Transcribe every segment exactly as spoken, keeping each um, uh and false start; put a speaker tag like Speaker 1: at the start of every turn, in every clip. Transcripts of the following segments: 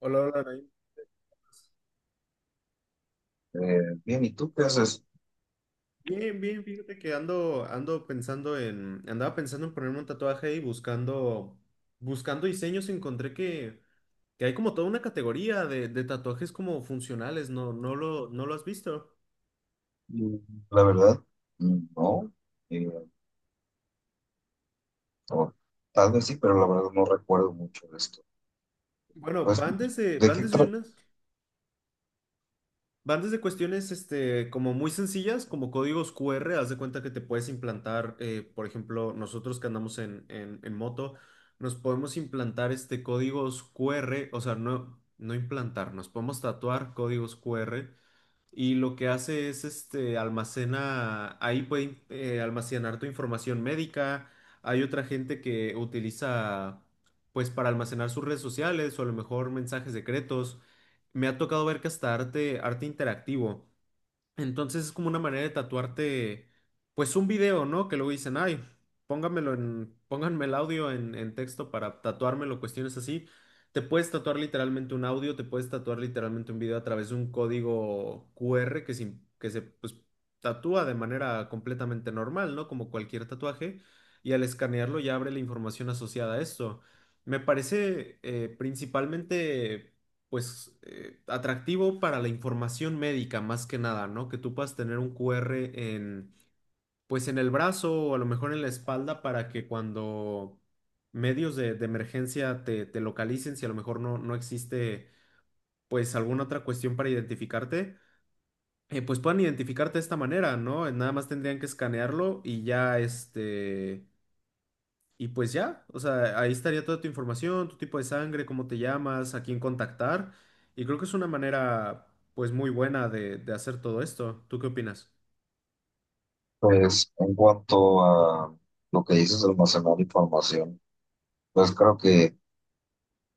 Speaker 1: Hola, hola, Naim.
Speaker 2: Eh, bien, ¿y tú qué haces?
Speaker 1: Bien, bien, fíjate que ando, ando pensando en, andaba pensando en ponerme un tatuaje y buscando, buscando diseños, encontré que, que hay como toda una categoría de, de tatuajes como funcionales, ¿no? No lo, no lo has visto.
Speaker 2: Mm, La verdad, mm, no. eh, o tal vez sí, pero la verdad no recuerdo mucho de esto.
Speaker 1: Bueno,
Speaker 2: Pues,
Speaker 1: van desde,
Speaker 2: ¿de
Speaker 1: van
Speaker 2: qué
Speaker 1: desde
Speaker 2: trata?
Speaker 1: unas, van desde cuestiones este, como muy sencillas, como códigos Q R, haz de cuenta que te puedes implantar, eh, por ejemplo, nosotros que andamos en, en- en moto, nos podemos implantar este códigos Q R, o sea, no, no implantar, nos podemos tatuar códigos Q R y lo que hace es este almacena, ahí puede eh, almacenar tu información médica. Hay otra gente que utiliza pues para almacenar sus redes sociales o a lo mejor mensajes secretos. Me ha tocado ver que hasta arte, arte interactivo. Entonces es como una manera de tatuarte, pues un video, ¿no? Que luego dicen, ay, póngamelo en, pónganme el audio en, en texto para tatuármelo, cuestiones así. Te puedes tatuar literalmente un audio, te puedes tatuar literalmente un video a través de un código Q R que se, que se pues, tatúa de manera completamente normal, ¿no? Como cualquier tatuaje, y al escanearlo ya abre la información asociada a esto. Me parece eh, principalmente pues, eh, atractivo para la información médica más que nada, ¿no? Que tú puedas tener un Q R en, pues, en el brazo o a lo mejor en la espalda para que cuando medios de, de emergencia te, te localicen, si a lo mejor no, no existe, pues, alguna otra cuestión para identificarte, eh, pues puedan identificarte de esta manera, ¿no? Nada más tendrían que escanearlo y ya, este y pues ya, o sea, ahí estaría toda tu información, tu tipo de sangre, cómo te llamas, a quién contactar. Y creo que es una manera, pues, muy buena de, de hacer todo esto. ¿Tú qué opinas?
Speaker 2: Pues, en cuanto a lo que dices de almacenar información, pues creo que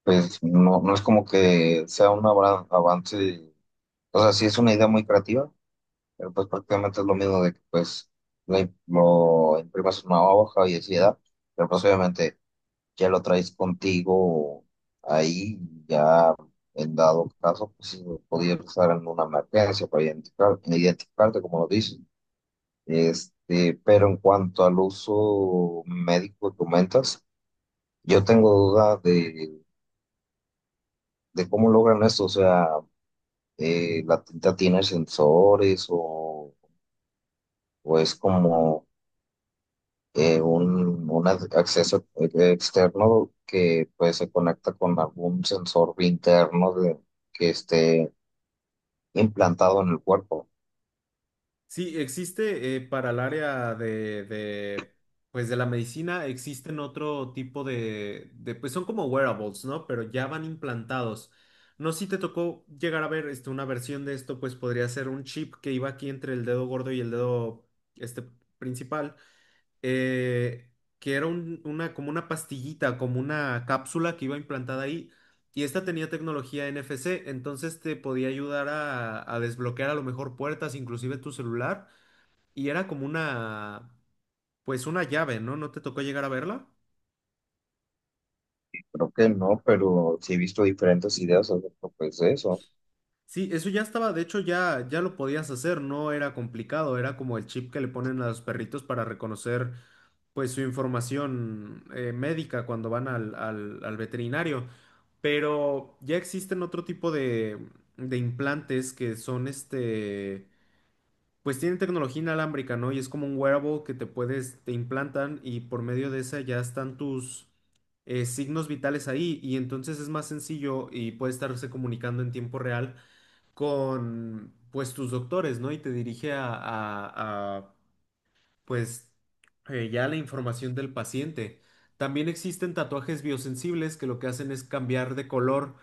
Speaker 2: pues, no, no es como que sea un abra- avance. O sea, sí es una idea muy creativa, pero pues prácticamente es lo mismo de que pues la im- lo imprimas en una hoja y así, ¿verdad? Pero pues obviamente ya lo traes contigo ahí, ya en dado caso, pues sí, podría estar en una emergencia para identificar, identificarte, como lo dicen. Este, pero en cuanto al uso médico que comentas, yo tengo duda de, de cómo logran esto, o sea, eh, la tinta tiene sensores o, o es como eh, un, un ac- acceso eh, externo que pues se conecta con algún sensor interno de- que esté implantado en el cuerpo.
Speaker 1: Sí, existe eh, para el área de, de, pues, de la medicina, existen otro tipo de, de, pues, son como wearables, ¿no? Pero ya van implantados. No sé si te tocó llegar a ver este, una versión de esto, pues podría ser un chip que iba aquí entre el dedo gordo y el dedo este, principal eh, que era un- una, como una pastillita, como una cápsula que iba implantada ahí, y esta tenía tecnología N F C, entonces te podía ayudar a, a desbloquear a lo mejor puertas, inclusive tu celular, y era como una, pues una llave, ¿no? ¿No te tocó llegar a verla?
Speaker 2: Creo que no, pero sí he visto diferentes ideas acerca pues, de eso.
Speaker 1: Sí, eso ya estaba, de hecho ya, ya lo podías hacer, no era complicado, era como el chip que le ponen a los perritos para reconocer pues su información eh, médica cuando van al, al- al veterinario. Pero ya existen otro tipo de, de implantes que son este, pues tienen tecnología inalámbrica, ¿no? Y es como un wearable que te puedes, te implantan y por medio de esa ya están tus eh, signos vitales ahí y entonces es más sencillo y puede estarse comunicando en tiempo real con pues tus doctores, ¿no? Y te dirige a, a, a, pues eh, ya la información del paciente. También existen tatuajes biosensibles que lo que hacen es cambiar de color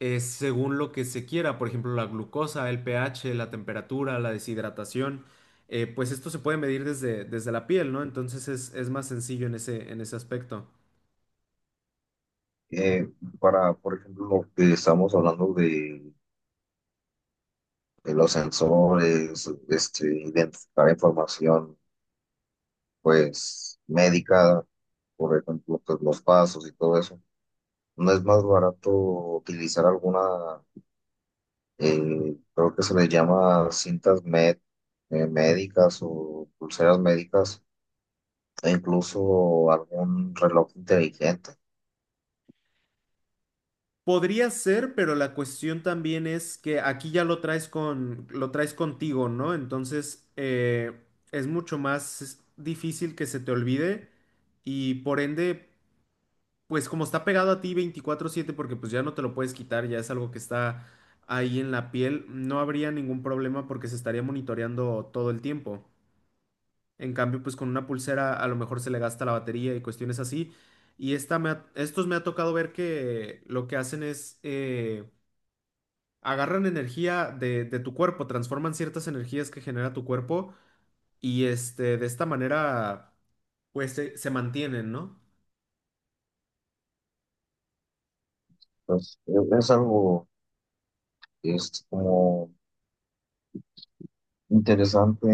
Speaker 1: eh, según lo que se quiera, por ejemplo, la glucosa, el pH, la temperatura, la deshidratación. Eh, pues esto se puede medir desde, desde la piel, ¿no? Entonces es, es más sencillo en ese, en ese aspecto.
Speaker 2: Eh, para, por ejemplo, lo que estamos hablando de, de los sensores, este, identificar información pues médica, por ejemplo, pues, los pasos y todo eso. ¿No es más barato utilizar alguna eh, creo que se les llama cintas med- eh, médicas o pulseras médicas, e incluso algún reloj inteligente.
Speaker 1: Podría ser, pero la cuestión también es que aquí ya lo traes con, lo traes contigo, ¿no? Entonces, eh, es mucho más difícil que se te olvide y por ende, pues como está pegado a ti veinticuatro siete porque pues ya no te lo puedes quitar, ya es algo que está ahí en la piel, no habría ningún problema porque se estaría monitoreando todo el tiempo. En cambio, pues con una pulsera a lo mejor se le gasta la batería y cuestiones así. Y esta me ha- estos me ha tocado ver que lo que hacen es eh, agarran energía de, de tu cuerpo, transforman ciertas energías que genera tu cuerpo y este, de esta manera, pues se, se mantienen, ¿no?
Speaker 2: Pues e- es algo que es como interesante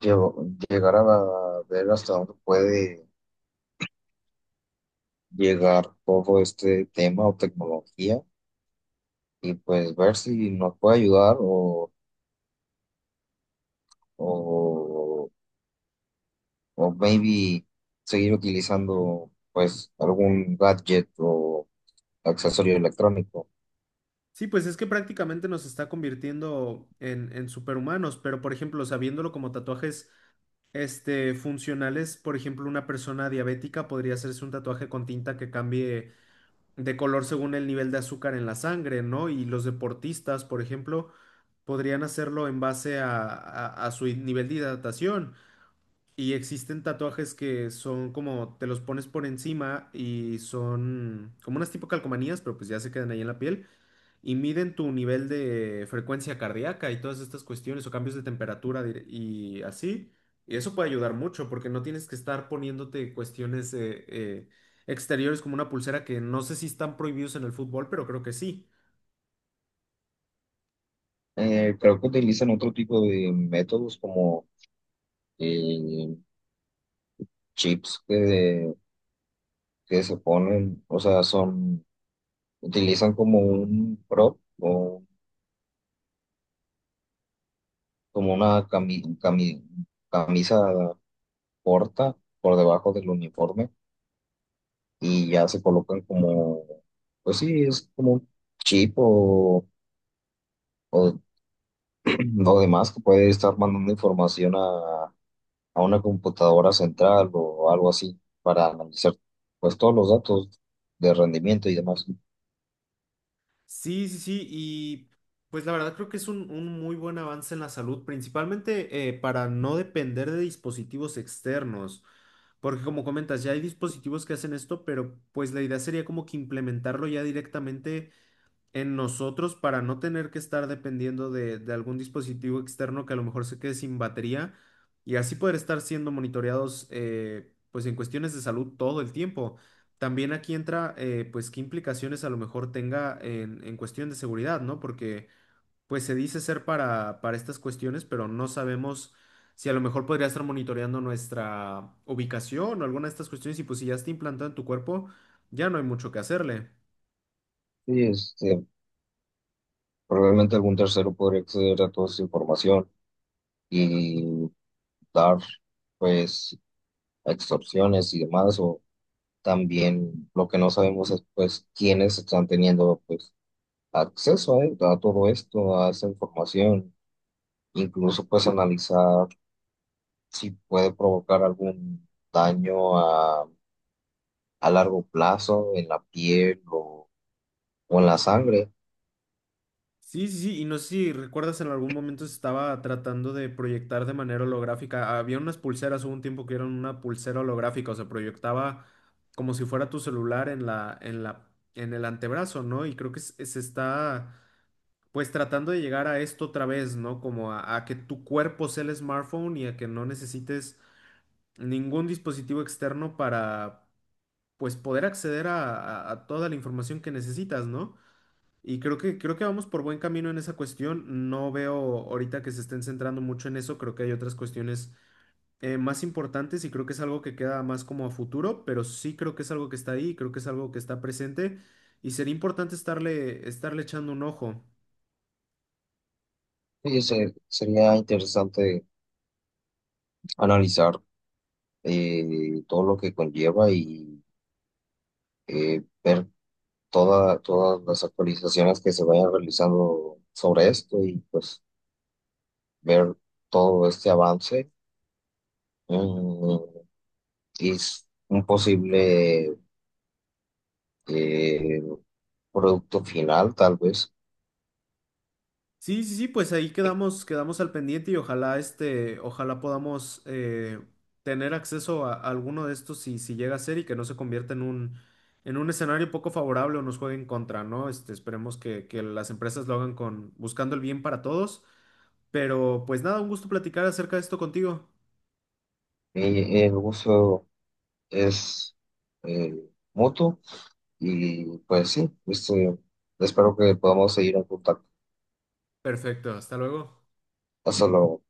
Speaker 2: llevo- llegar a la- ver hasta dónde puede llegar todo este tema o tecnología y pues ver si nos puede ayudar o, o, o maybe seguir utilizando pues algún gadget o accesorio electrónico.
Speaker 1: Sí, pues es que prácticamente nos está convirtiendo en, en superhumanos, pero por ejemplo, sabiéndolo como tatuajes este, funcionales, por ejemplo, una persona diabética podría hacerse un tatuaje con tinta que cambie de color según el nivel de azúcar en la sangre, ¿no? Y los deportistas, por ejemplo, podrían hacerlo en base a, a a su nivel de hidratación. Y existen tatuajes que son como te los pones por encima y son como unas tipo calcomanías, pero pues ya se quedan ahí en la piel y miden tu nivel de frecuencia cardíaca y todas estas cuestiones o cambios de temperatura dir- y así. Y eso puede ayudar mucho porque no tienes que estar poniéndote cuestiones eh, eh, exteriores como una pulsera que no sé si están prohibidos en el fútbol, pero creo que sí.
Speaker 2: Eh, creo que utilizan otro tipo de métodos como eh, chips que, que se ponen, o sea, son, utilizan como un prop o como una cami- cami- camisa corta por debajo del uniforme y ya se colocan como, pues sí, es como un chip o, o, o demás que puede estar mandando información a una computadora central o algo así para analizar pues todos los datos de rendimiento y demás. Sí.
Speaker 1: Sí, sí, sí, y pues la verdad creo que es un, un muy buen avance en la salud, principalmente eh, para no depender de dispositivos externos, porque como comentas, ya hay dispositivos que hacen esto, pero pues la idea sería como que implementarlo ya directamente en nosotros para no tener que estar dependiendo de, de algún dispositivo externo que a lo mejor se quede sin batería y así poder estar siendo monitoreados eh, pues en cuestiones de salud todo el tiempo. También aquí entra eh, pues qué implicaciones a lo mejor tenga en, en cuestión de seguridad, ¿no? Porque pues se dice ser para, para estas cuestiones, pero no sabemos si a lo mejor podría estar monitoreando nuestra ubicación o alguna de estas cuestiones y pues si ya está implantado en tu cuerpo, ya no hay mucho que hacerle.
Speaker 2: Este, probablemente algún tercero podría acceder a toda esa información y dar pues extorsiones y demás o también lo que no sabemos es pues quiénes están teniendo pues acceso a, a todo esto, a esa información, incluso pues analizar si puede provocar algún daño a largo plazo en la piel o, o en la sangre.
Speaker 1: Sí, sí, sí, y no sé si recuerdas en algún momento se estaba tratando de proyectar de manera holográfica. Había unas pulseras, hubo un tiempo que eran una pulsera holográfica, o sea, proyectaba como si fuera tu celular en la, en la, en el antebrazo, ¿no? Y creo que se, se está pues tratando de llegar a esto otra vez, ¿no? Como a, a que tu cuerpo sea el smartphone y a que no necesites ningún dispositivo externo para pues poder acceder a, a a toda la información que necesitas, ¿no? Y creo que, creo que vamos por buen camino en esa cuestión. No veo ahorita que se estén centrando mucho en eso. Creo que hay otras cuestiones eh, más importantes y creo que es algo que queda más como a futuro, pero sí creo que es algo que está ahí, creo que es algo que está presente y sería importante estarle, estarle echando un ojo.
Speaker 2: Sí, se- sería interesante analizar eh, todo lo que conlleva y eh, ver toda- todas las actualizaciones que se vayan realizando sobre esto y pues ver todo este avance, mm, y s- un posible eh, producto final tal vez.
Speaker 1: Sí, sí, sí, pues ahí quedamos, quedamos al pendiente y ojalá este, ojalá podamos eh, tener acceso a, a alguno de estos si, si llega a ser y que no se convierta en un, en un escenario poco favorable o nos juegue en contra, ¿no? Este, esperemos que, que las empresas lo hagan con, buscando el bien para todos. Pero pues nada, un gusto platicar acerca de esto contigo.
Speaker 2: Y el uso es eh, mutuo. Y pues sí, este, espero que podamos seguir en contacto.
Speaker 1: Perfecto, hasta luego.
Speaker 2: Hasta luego.